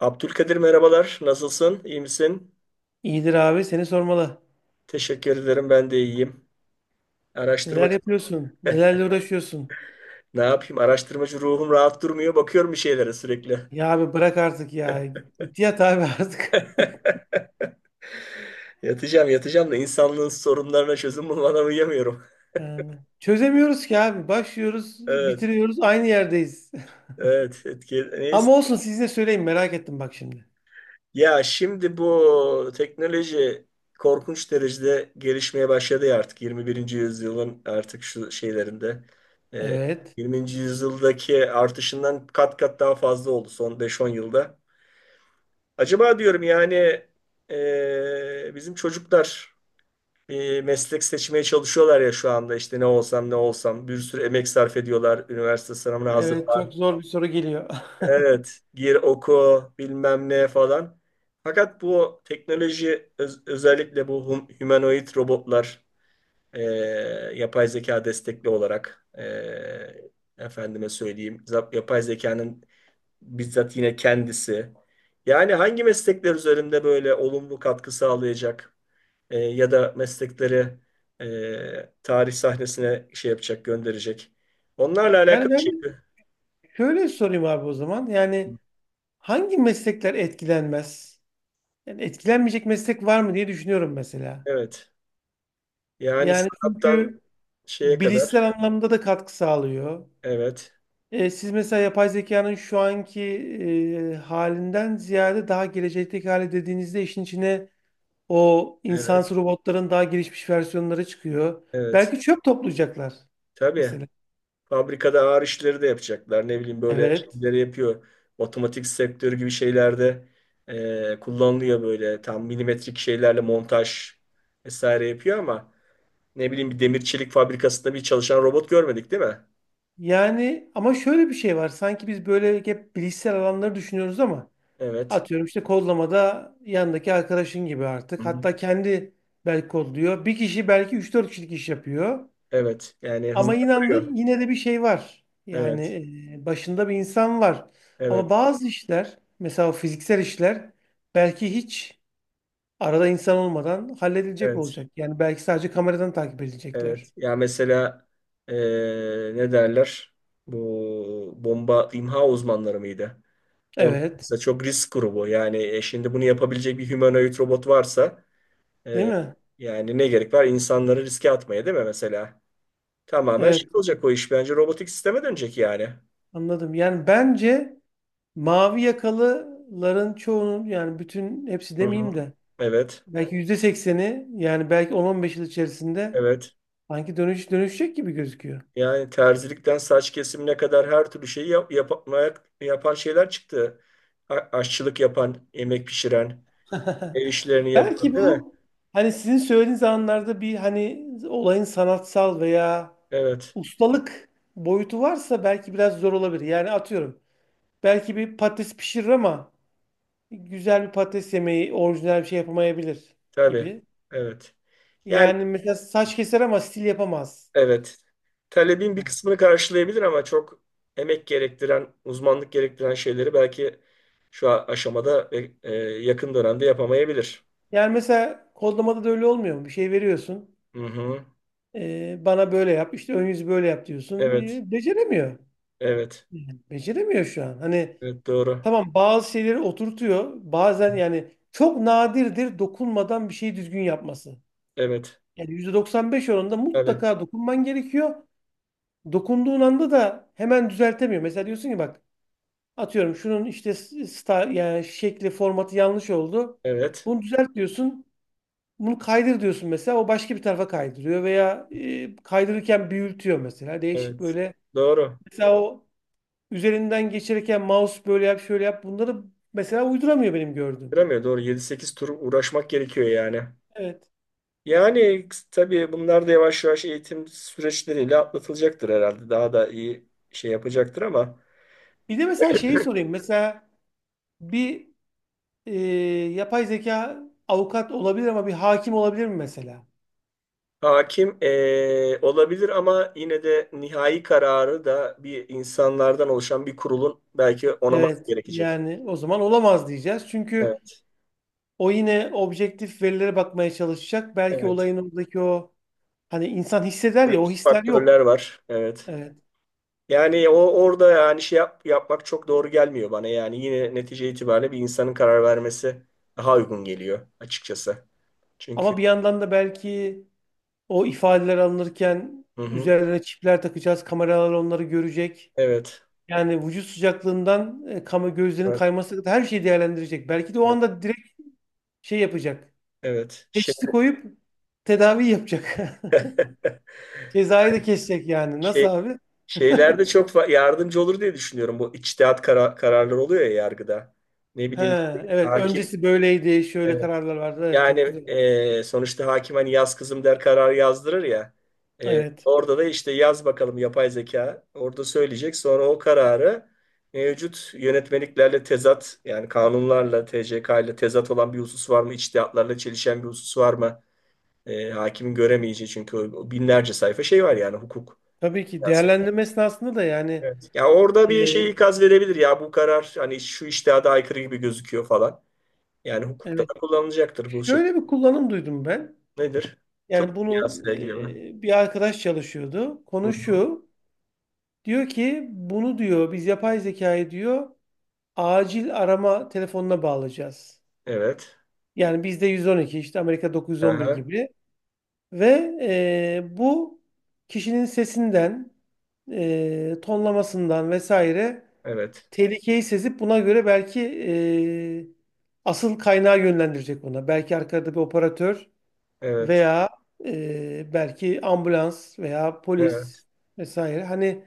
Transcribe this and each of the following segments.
Abdülkadir merhabalar. Nasılsın? İyi misin? İyidir abi seni sormalı. Teşekkür ederim. Ben de iyiyim. Araştırma Neler yapıyorsun? Nelerle uğraşıyorsun? ne yapayım? Araştırmacı ruhum rahat durmuyor. Bakıyorum bir şeylere sürekli. Ya abi bırak artık ya. Git yat abi artık. Yatacağım, yatacağım da insanlığın sorunlarına çözüm bulmadan uyuyamıyorum. Yani çözemiyoruz ki abi. Başlıyoruz, Evet, bitiriyoruz, aynı yerdeyiz. evet. Etki, neyse. Ama olsun size söyleyeyim merak ettim bak şimdi. Ya şimdi bu teknoloji korkunç derecede gelişmeye başladı ya artık 21. yüzyılın artık şu şeylerinde. Ee, Evet. 20. yüzyıldaki artışından kat kat daha fazla oldu son beş on yılda. Acaba diyorum yani, bizim çocuklar bir meslek seçmeye çalışıyorlar ya şu anda, işte ne olsam ne olsam, bir sürü emek sarf ediyorlar üniversite sınavına Evet çok hazırlan. zor bir soru geliyor. Evet, gir oku bilmem ne falan. Fakat bu teknoloji, özellikle bu humanoid robotlar, e, yapay zeka destekli olarak, efendime söyleyeyim, yapay zekanın bizzat yine kendisi. Yani hangi meslekler üzerinde böyle olumlu katkı sağlayacak, ya da meslekleri tarih sahnesine şey yapacak, gönderecek. Onlarla Yani alakalı şey. ben şöyle sorayım abi o zaman. Yani hangi meslekler etkilenmez? Yani etkilenmeyecek meslek var mı diye düşünüyorum mesela. Evet. Yani Yani sanattan çünkü şeye kadar. bilişsel anlamda da katkı sağlıyor. Evet. Siz mesela yapay zekanın şu anki halinden ziyade daha gelecekteki hali dediğinizde işin içine o Evet. insansı robotların daha gelişmiş versiyonları çıkıyor. Evet. Belki çöp toplayacaklar Tabii. mesela. Fabrikada ağır işleri de yapacaklar. Ne bileyim, böyle Evet. şeyleri yapıyor. Otomatik sektörü gibi şeylerde kullanılıyor, böyle tam milimetrik şeylerle montaj vesaire yapıyor. Ama ne bileyim, bir demir çelik fabrikasında bir çalışan robot görmedik değil mi? Yani ama şöyle bir şey var. Sanki biz böyle hep bilişsel alanları düşünüyoruz ama Evet. atıyorum işte kodlamada yandaki arkadaşın gibi Hı artık. hı. Hatta kendi belki kodluyor. Bir kişi belki üç dört kişilik iş yapıyor. Evet. Yani hızlı Ama inan da yapıyor. yine de bir şey var. Yani Evet. Başında bir insan var. Ama Evet. bazı işler, mesela o fiziksel işler belki hiç arada insan olmadan halledilecek Evet. olacak. Yani belki sadece kameradan takip Evet. edilecekler. Ya mesela ne derler? Bu bomba imha uzmanları mıydı? Onlar Evet, mesela çok risk grubu. Yani şimdi bunu yapabilecek bir humanoid robot varsa, değil eee, mi? yani ne gerek var insanları riske atmaya, değil mi mesela? Tamamen Evet, şey olacak o iş. Bence robotik sisteme dönecek yani. anladım. Yani bence mavi yakalıların çoğunun yani bütün hepsi Hı demeyeyim hı. de Evet. belki %80'i yani belki 10-15 yıl içerisinde Evet. sanki dönüşecek gibi gözüküyor. Yani terzilikten saç kesimine kadar her türlü şeyi yapan şeyler çıktı. Aşçılık yapan, yemek pişiren, ev işlerini yapan, Belki değil mi? bu hani sizin söylediğiniz anlarda bir hani olayın sanatsal veya Evet, ustalık boyutu varsa belki biraz zor olabilir. Yani atıyorum belki bir patates pişirir ama güzel bir patates yemeği orijinal bir şey yapamayabilir tabii. gibi. Evet. Yani Yani mesela saç keser ama stil yapamaz. evet. Talebin bir kısmını karşılayabilir, ama çok emek gerektiren, uzmanlık gerektiren şeyleri belki şu aşamada ve yakın dönemde yapamayabilir. Yani mesela kodlamada da öyle olmuyor mu? Bir şey veriyorsun. Hı hı. Bana böyle yap, işte ön yüzü böyle yap diyorsun. Evet. Beceremiyor. Evet. Yani beceremiyor şu an. Hani Evet, doğru. tamam bazı şeyleri oturtuyor. Bazen yani çok nadirdir dokunmadan bir şeyi düzgün yapması. Evet. Yani %95 oranında Tabii. mutlaka dokunman gerekiyor. Dokunduğun anda da hemen düzeltemiyor. Mesela diyorsun ki bak atıyorum şunun işte star, yani şekli formatı yanlış oldu. Evet. Bunu düzelt diyorsun. Bunu kaydır diyorsun mesela. O başka bir tarafa kaydırıyor veya kaydırırken büyütüyor mesela. Değişik Evet. böyle. Doğru. Mesela o üzerinden geçirirken mouse böyle yap şöyle yap bunları mesela uyduramıyor benim gördüğüm. Duramıyor, doğru. Yedi sekiz tur uğraşmak gerekiyor yani. Evet. Yani tabii bunlar da yavaş yavaş eğitim süreçleriyle atlatılacaktır herhalde. Daha da iyi şey yapacaktır ama. Bir de mesela şeyi sorayım. Mesela bir e, yapay zeka avukat olabilir ama bir hakim olabilir mi mesela? Hakim, olabilir ama yine de nihai kararı da bir insanlardan oluşan bir kurulun belki onaması Evet. gerekecek. Yani o zaman olamaz diyeceğiz. Çünkü Evet, o yine objektif verilere bakmaya çalışacak. Belki evet. olayın oradaki o hani insan hisseder ya o Psikolojik hisler yok. faktörler var. Evet. Evet. Yani orada yani şey yapmak çok doğru gelmiyor bana. Yani yine netice itibariyle bir insanın karar vermesi daha uygun geliyor açıkçası. Çünkü. Ama bir yandan da belki o ifadeler alınırken Hı hı, üzerlerine çipler takacağız. Kameralar onları görecek. evet. Yani vücut sıcaklığından kama gözlerin Evet. kayması kadar her şeyi değerlendirecek. Belki de o Evet. anda direkt şey yapacak. Evet. Şey, Teşhisi koyup tedavi yapacak. Cezayı da kesecek yani. Nasıl şey abi? şeylerde çok yardımcı olur diye düşünüyorum. Bu içtihat kararları oluyor ya yargıda. Ne He, bileyim, işte evet hakim. öncesi böyleydi. Şöyle Evet. kararlar vardı. Evet, çok Yani güzel. Sonuçta hakim hani "yaz kızım" der, kararı yazdırır ya. E, Evet. orada da işte yaz bakalım, yapay zeka orada söyleyecek. Sonra o kararı mevcut yönetmeliklerle tezat, yani kanunlarla, TCK ile tezat olan bir husus var mı? İçtihatlarla çelişen bir husus var mı? Hakimin göremeyeceği, çünkü binlerce sayfa şey var yani, hukuk. Tabii ki değerlendirme esnasında da yani Evet. Ya orada e, bir şey ikaz verebilir ya, bu karar hani şu içtihada aykırı gibi gözüküyor falan. Yani hukukta evet. da kullanılacaktır bu Şöyle şekilde. bir kullanım duydum ben. Nedir? Tıp Yani bunu dünyasıyla ilgili mi? Bir arkadaş çalışıyordu. Hı Konu hı. şu. Diyor ki bunu diyor biz yapay zekayı diyor acil arama telefonuna bağlayacağız. Evet. Yani bizde 112 işte Amerika 911 Aha. gibi. Ve bu kişinin sesinden, tonlamasından vesaire Evet. tehlikeyi sezip buna göre belki asıl kaynağı yönlendirecek ona. Belki arkada bir operatör Evet. veya belki ambulans veya Evet. polis vesaire. Hani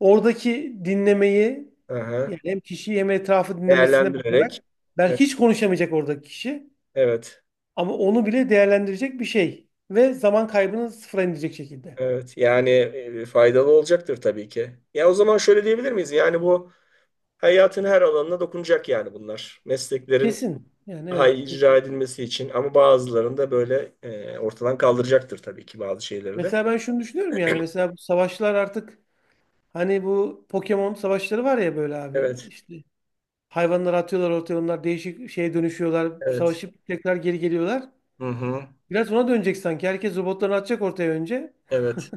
oradaki dinlemeyi Aha. yani hem kişiyi hem etrafı dinlemesine Değerlendirerek. bakarak Evet. belki hiç konuşamayacak oradaki kişi Evet. ama onu bile değerlendirecek bir şey ve zaman kaybını sıfıra indirecek şekilde. Evet. Yani faydalı olacaktır tabii ki. Ya o zaman şöyle diyebilir miyiz? Yani bu hayatın her alanına dokunacak yani bunlar. Mesleklerin Kesin. Yani daha iyi evet kesin. icra edilmesi için, ama bazılarını da böyle ortadan kaldıracaktır tabii ki, bazı şeyleri de. Mesela ben şunu düşünüyorum yani mesela bu savaşlar artık hani bu Pokemon savaşları var ya böyle abi Evet. işte hayvanları atıyorlar ortaya onlar değişik şeye dönüşüyorlar Evet. savaşıp tekrar geri geliyorlar. Hı hı. Biraz ona dönecek sanki herkes robotlarını atacak ortaya önce. Evet.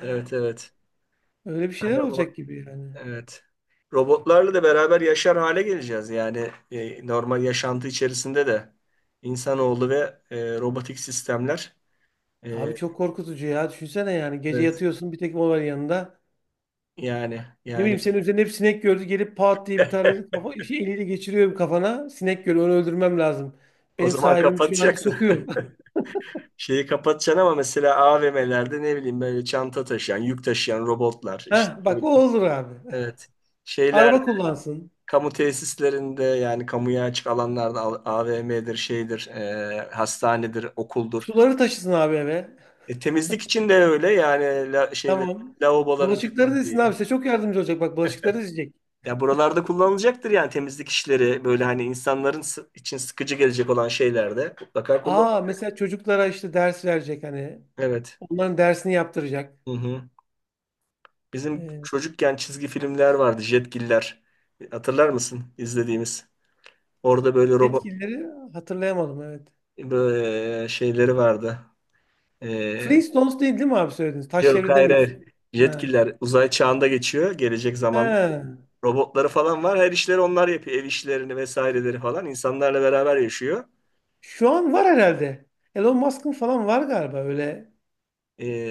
Evet. Evet. Öyle bir şeyler Yani olacak gibi yani. evet. Robotlarla da beraber yaşar hale geleceğiz. Yani normal yaşantı içerisinde de insanoğlu ve robotik sistemler. E, Abi çok korkutucu ya düşünsene yani gece evet. yatıyorsun bir tek o var yanında. Yani Ne yani bileyim senin üzerinde hep sinek gördü gelip pat diye bir tane kafa, şey, eliyle geçiriyor kafana. Sinek görüyor onu öldürmem lazım. o Benim zaman sahibim şu an kapatacaksın. sokuyor. Şeyi kapatacaksın, ama mesela AVM'lerde ne bileyim, böyle çanta taşıyan, yük taşıyan robotlar, Heh, işte ne bak bileyim, o olur abi. evet. Şeylerde, Araba kullansın. kamu tesislerinde, yani kamuya açık alanlarda, AVM'dir, şeydir, hastanedir, okuldur. Suları taşısın abi eve. Temizlik için de öyle yani, şey, Tamam. lavaboların Bulaşıkları dizsin abi. temizliği. Size çok yardımcı olacak. Bak bulaşıkları dizecek. Ya buralarda kullanılacaktır yani, temizlik işleri böyle, hani insanların için sıkıcı gelecek olan şeylerde mutlaka kullan. Aa mesela çocuklara işte ders verecek hani. Evet. Onların dersini yaptıracak. Hı hı. Bizim Ee, çocukken çizgi filmler vardı, Jetgiller. Hatırlar mısın izlediğimiz? Orada böyle robot Etkileri hatırlayamadım evet. böyle şeyleri vardı. E, Flintstones değil değil mi abi söylediniz? Taş yok devri hayır hayır. demiyorsun. Ha. Jetgiller uzay çağında geçiyor, gelecek zaman. Ha. Robotları falan var. Her işleri onlar yapıyor. Ev işlerini vesaireleri falan. İnsanlarla beraber yaşıyor. Şu an var herhalde. Elon Musk'ın falan var galiba öyle.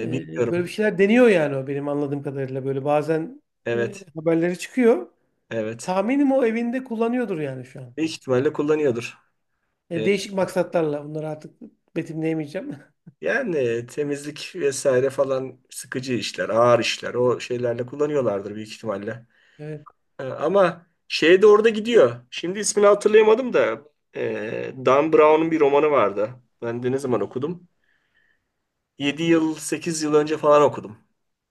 e, Böyle bir bilmiyorum. şeyler deniyor yani o benim anladığım kadarıyla. Böyle bazen Evet. haberleri çıkıyor. Evet. Tahminim o evinde kullanıyordur yani şu an. Büyük ihtimalle kullanıyordur. Yani Ee, değişik maksatlarla bunları artık betimleyemeyeceğim. yani temizlik vesaire falan, sıkıcı işler, ağır işler. O şeylerle kullanıyorlardır büyük ihtimalle. Evet. Ama şey de orada gidiyor. Şimdi ismini hatırlayamadım da, Dan Brown'un bir romanı vardı. Ben de ne zaman okudum? 7 yıl, 8 yıl önce falan okudum.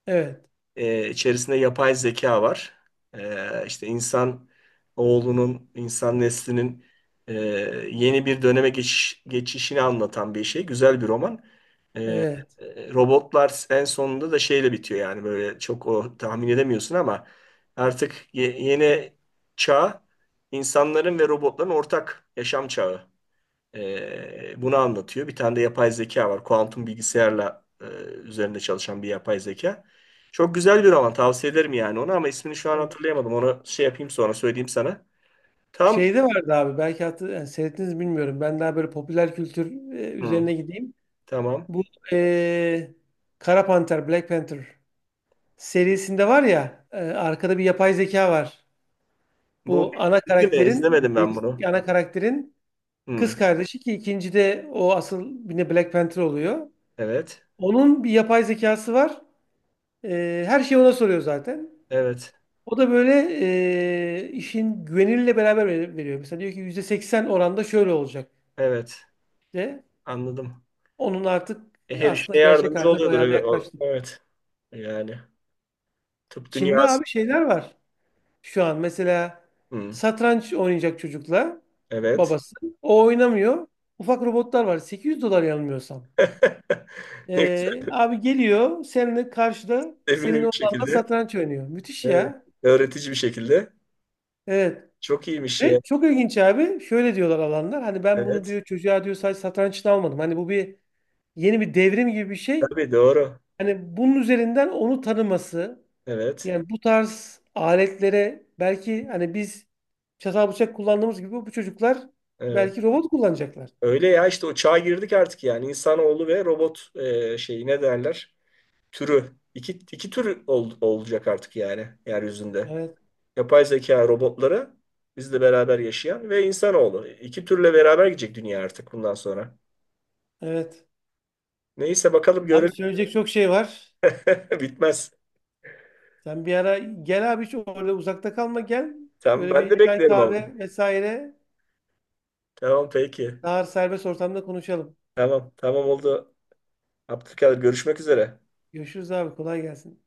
Evet. E, içerisinde yapay zeka var. E, işte insan oğlunun, insan neslinin e, yeni bir döneme geçişini anlatan bir şey. Güzel bir roman. E, Evet. robotlar en sonunda da şeyle bitiyor, yani böyle çok o tahmin edemiyorsun ama artık yeni çağ, insanların ve robotların ortak yaşam çağı. Bunu anlatıyor. Bir tane de yapay zeka var. Kuantum bilgisayarla üzerinde çalışan bir yapay zeka. Çok güzel bir roman. Tavsiye ederim yani onu, ama ismini şu an hatırlayamadım. Onu şey yapayım, sonra söyleyeyim sana. Tam Şeyde vardı abi belki hatır, yani seyrettiniz mi bilmiyorum. Ben daha böyle popüler kültür Hı, üzerine gideyim. tamam. Bu e, Kara Panter, Black Panther serisinde var ya arkada bir yapay zeka var. Bu, Bu ana değil mi? karakterin yani İzlemedim ben bunu. birinci ana karakterin Hı, kız kardeşi ki ikincide o asıl yine Black Panther oluyor. evet. Onun bir yapay zekası var. Her şeyi ona soruyor zaten. Evet. O da böyle işin güveniyle beraber veriyor. Mesela diyor ki %80 oranda şöyle olacak Evet. de. Anladım. Onun artık Her işte aslında gerçek yardımcı haline oluyordur. bayağı da Evet. o- yaklaştık. evet. Yani tıp Çin'de dünyası. abi şeyler var şu an. Mesela Hı, satranç oynayacak çocukla evet. babası. O oynamıyor. Ufak robotlar var. 800 dolar yanılmıyorsam. Ne güzel, Abi geliyor seninle karşıda emin senin bir oğlanla şekilde. satranç oynuyor. Müthiş Evet. ya. Öğretici bir şekilde. Evet. Çok iyiymiş Ve ya. çok ilginç abi. Şöyle diyorlar alanlar. Hani ben bunu Evet. diyor çocuğa diyor sadece satranç için almadım. Hani bu bir yeni bir devrim gibi bir şey. Tabii, doğru. Hani bunun üzerinden onu tanıması. Evet. Yani bu tarz aletlere belki hani biz çatal bıçak kullandığımız gibi bu çocuklar Evet. belki robot kullanacaklar. Öyle ya, işte o çağa girdik artık yani. İnsanoğlu ve robot, şeyi ne derler? Türü. İki tür olacak artık yani yeryüzünde. Evet, Yapay zeka robotları bizle beraber yaşayan ve insanoğlu. İki türle beraber gidecek dünya artık bundan sonra. evet. Neyse, bakalım Abi görelim. söyleyecek çok şey var. Bitmez. Sen bir ara gel abi hiç orada uzakta kalma gel. Tamam, Böyle ben bir de çay beklerim ama. kahve vesaire Tamam, peki. daha serbest ortamda konuşalım. Tamam, tamam, oldu. Abdülkadir, görüşmek üzere. Görüşürüz abi kolay gelsin.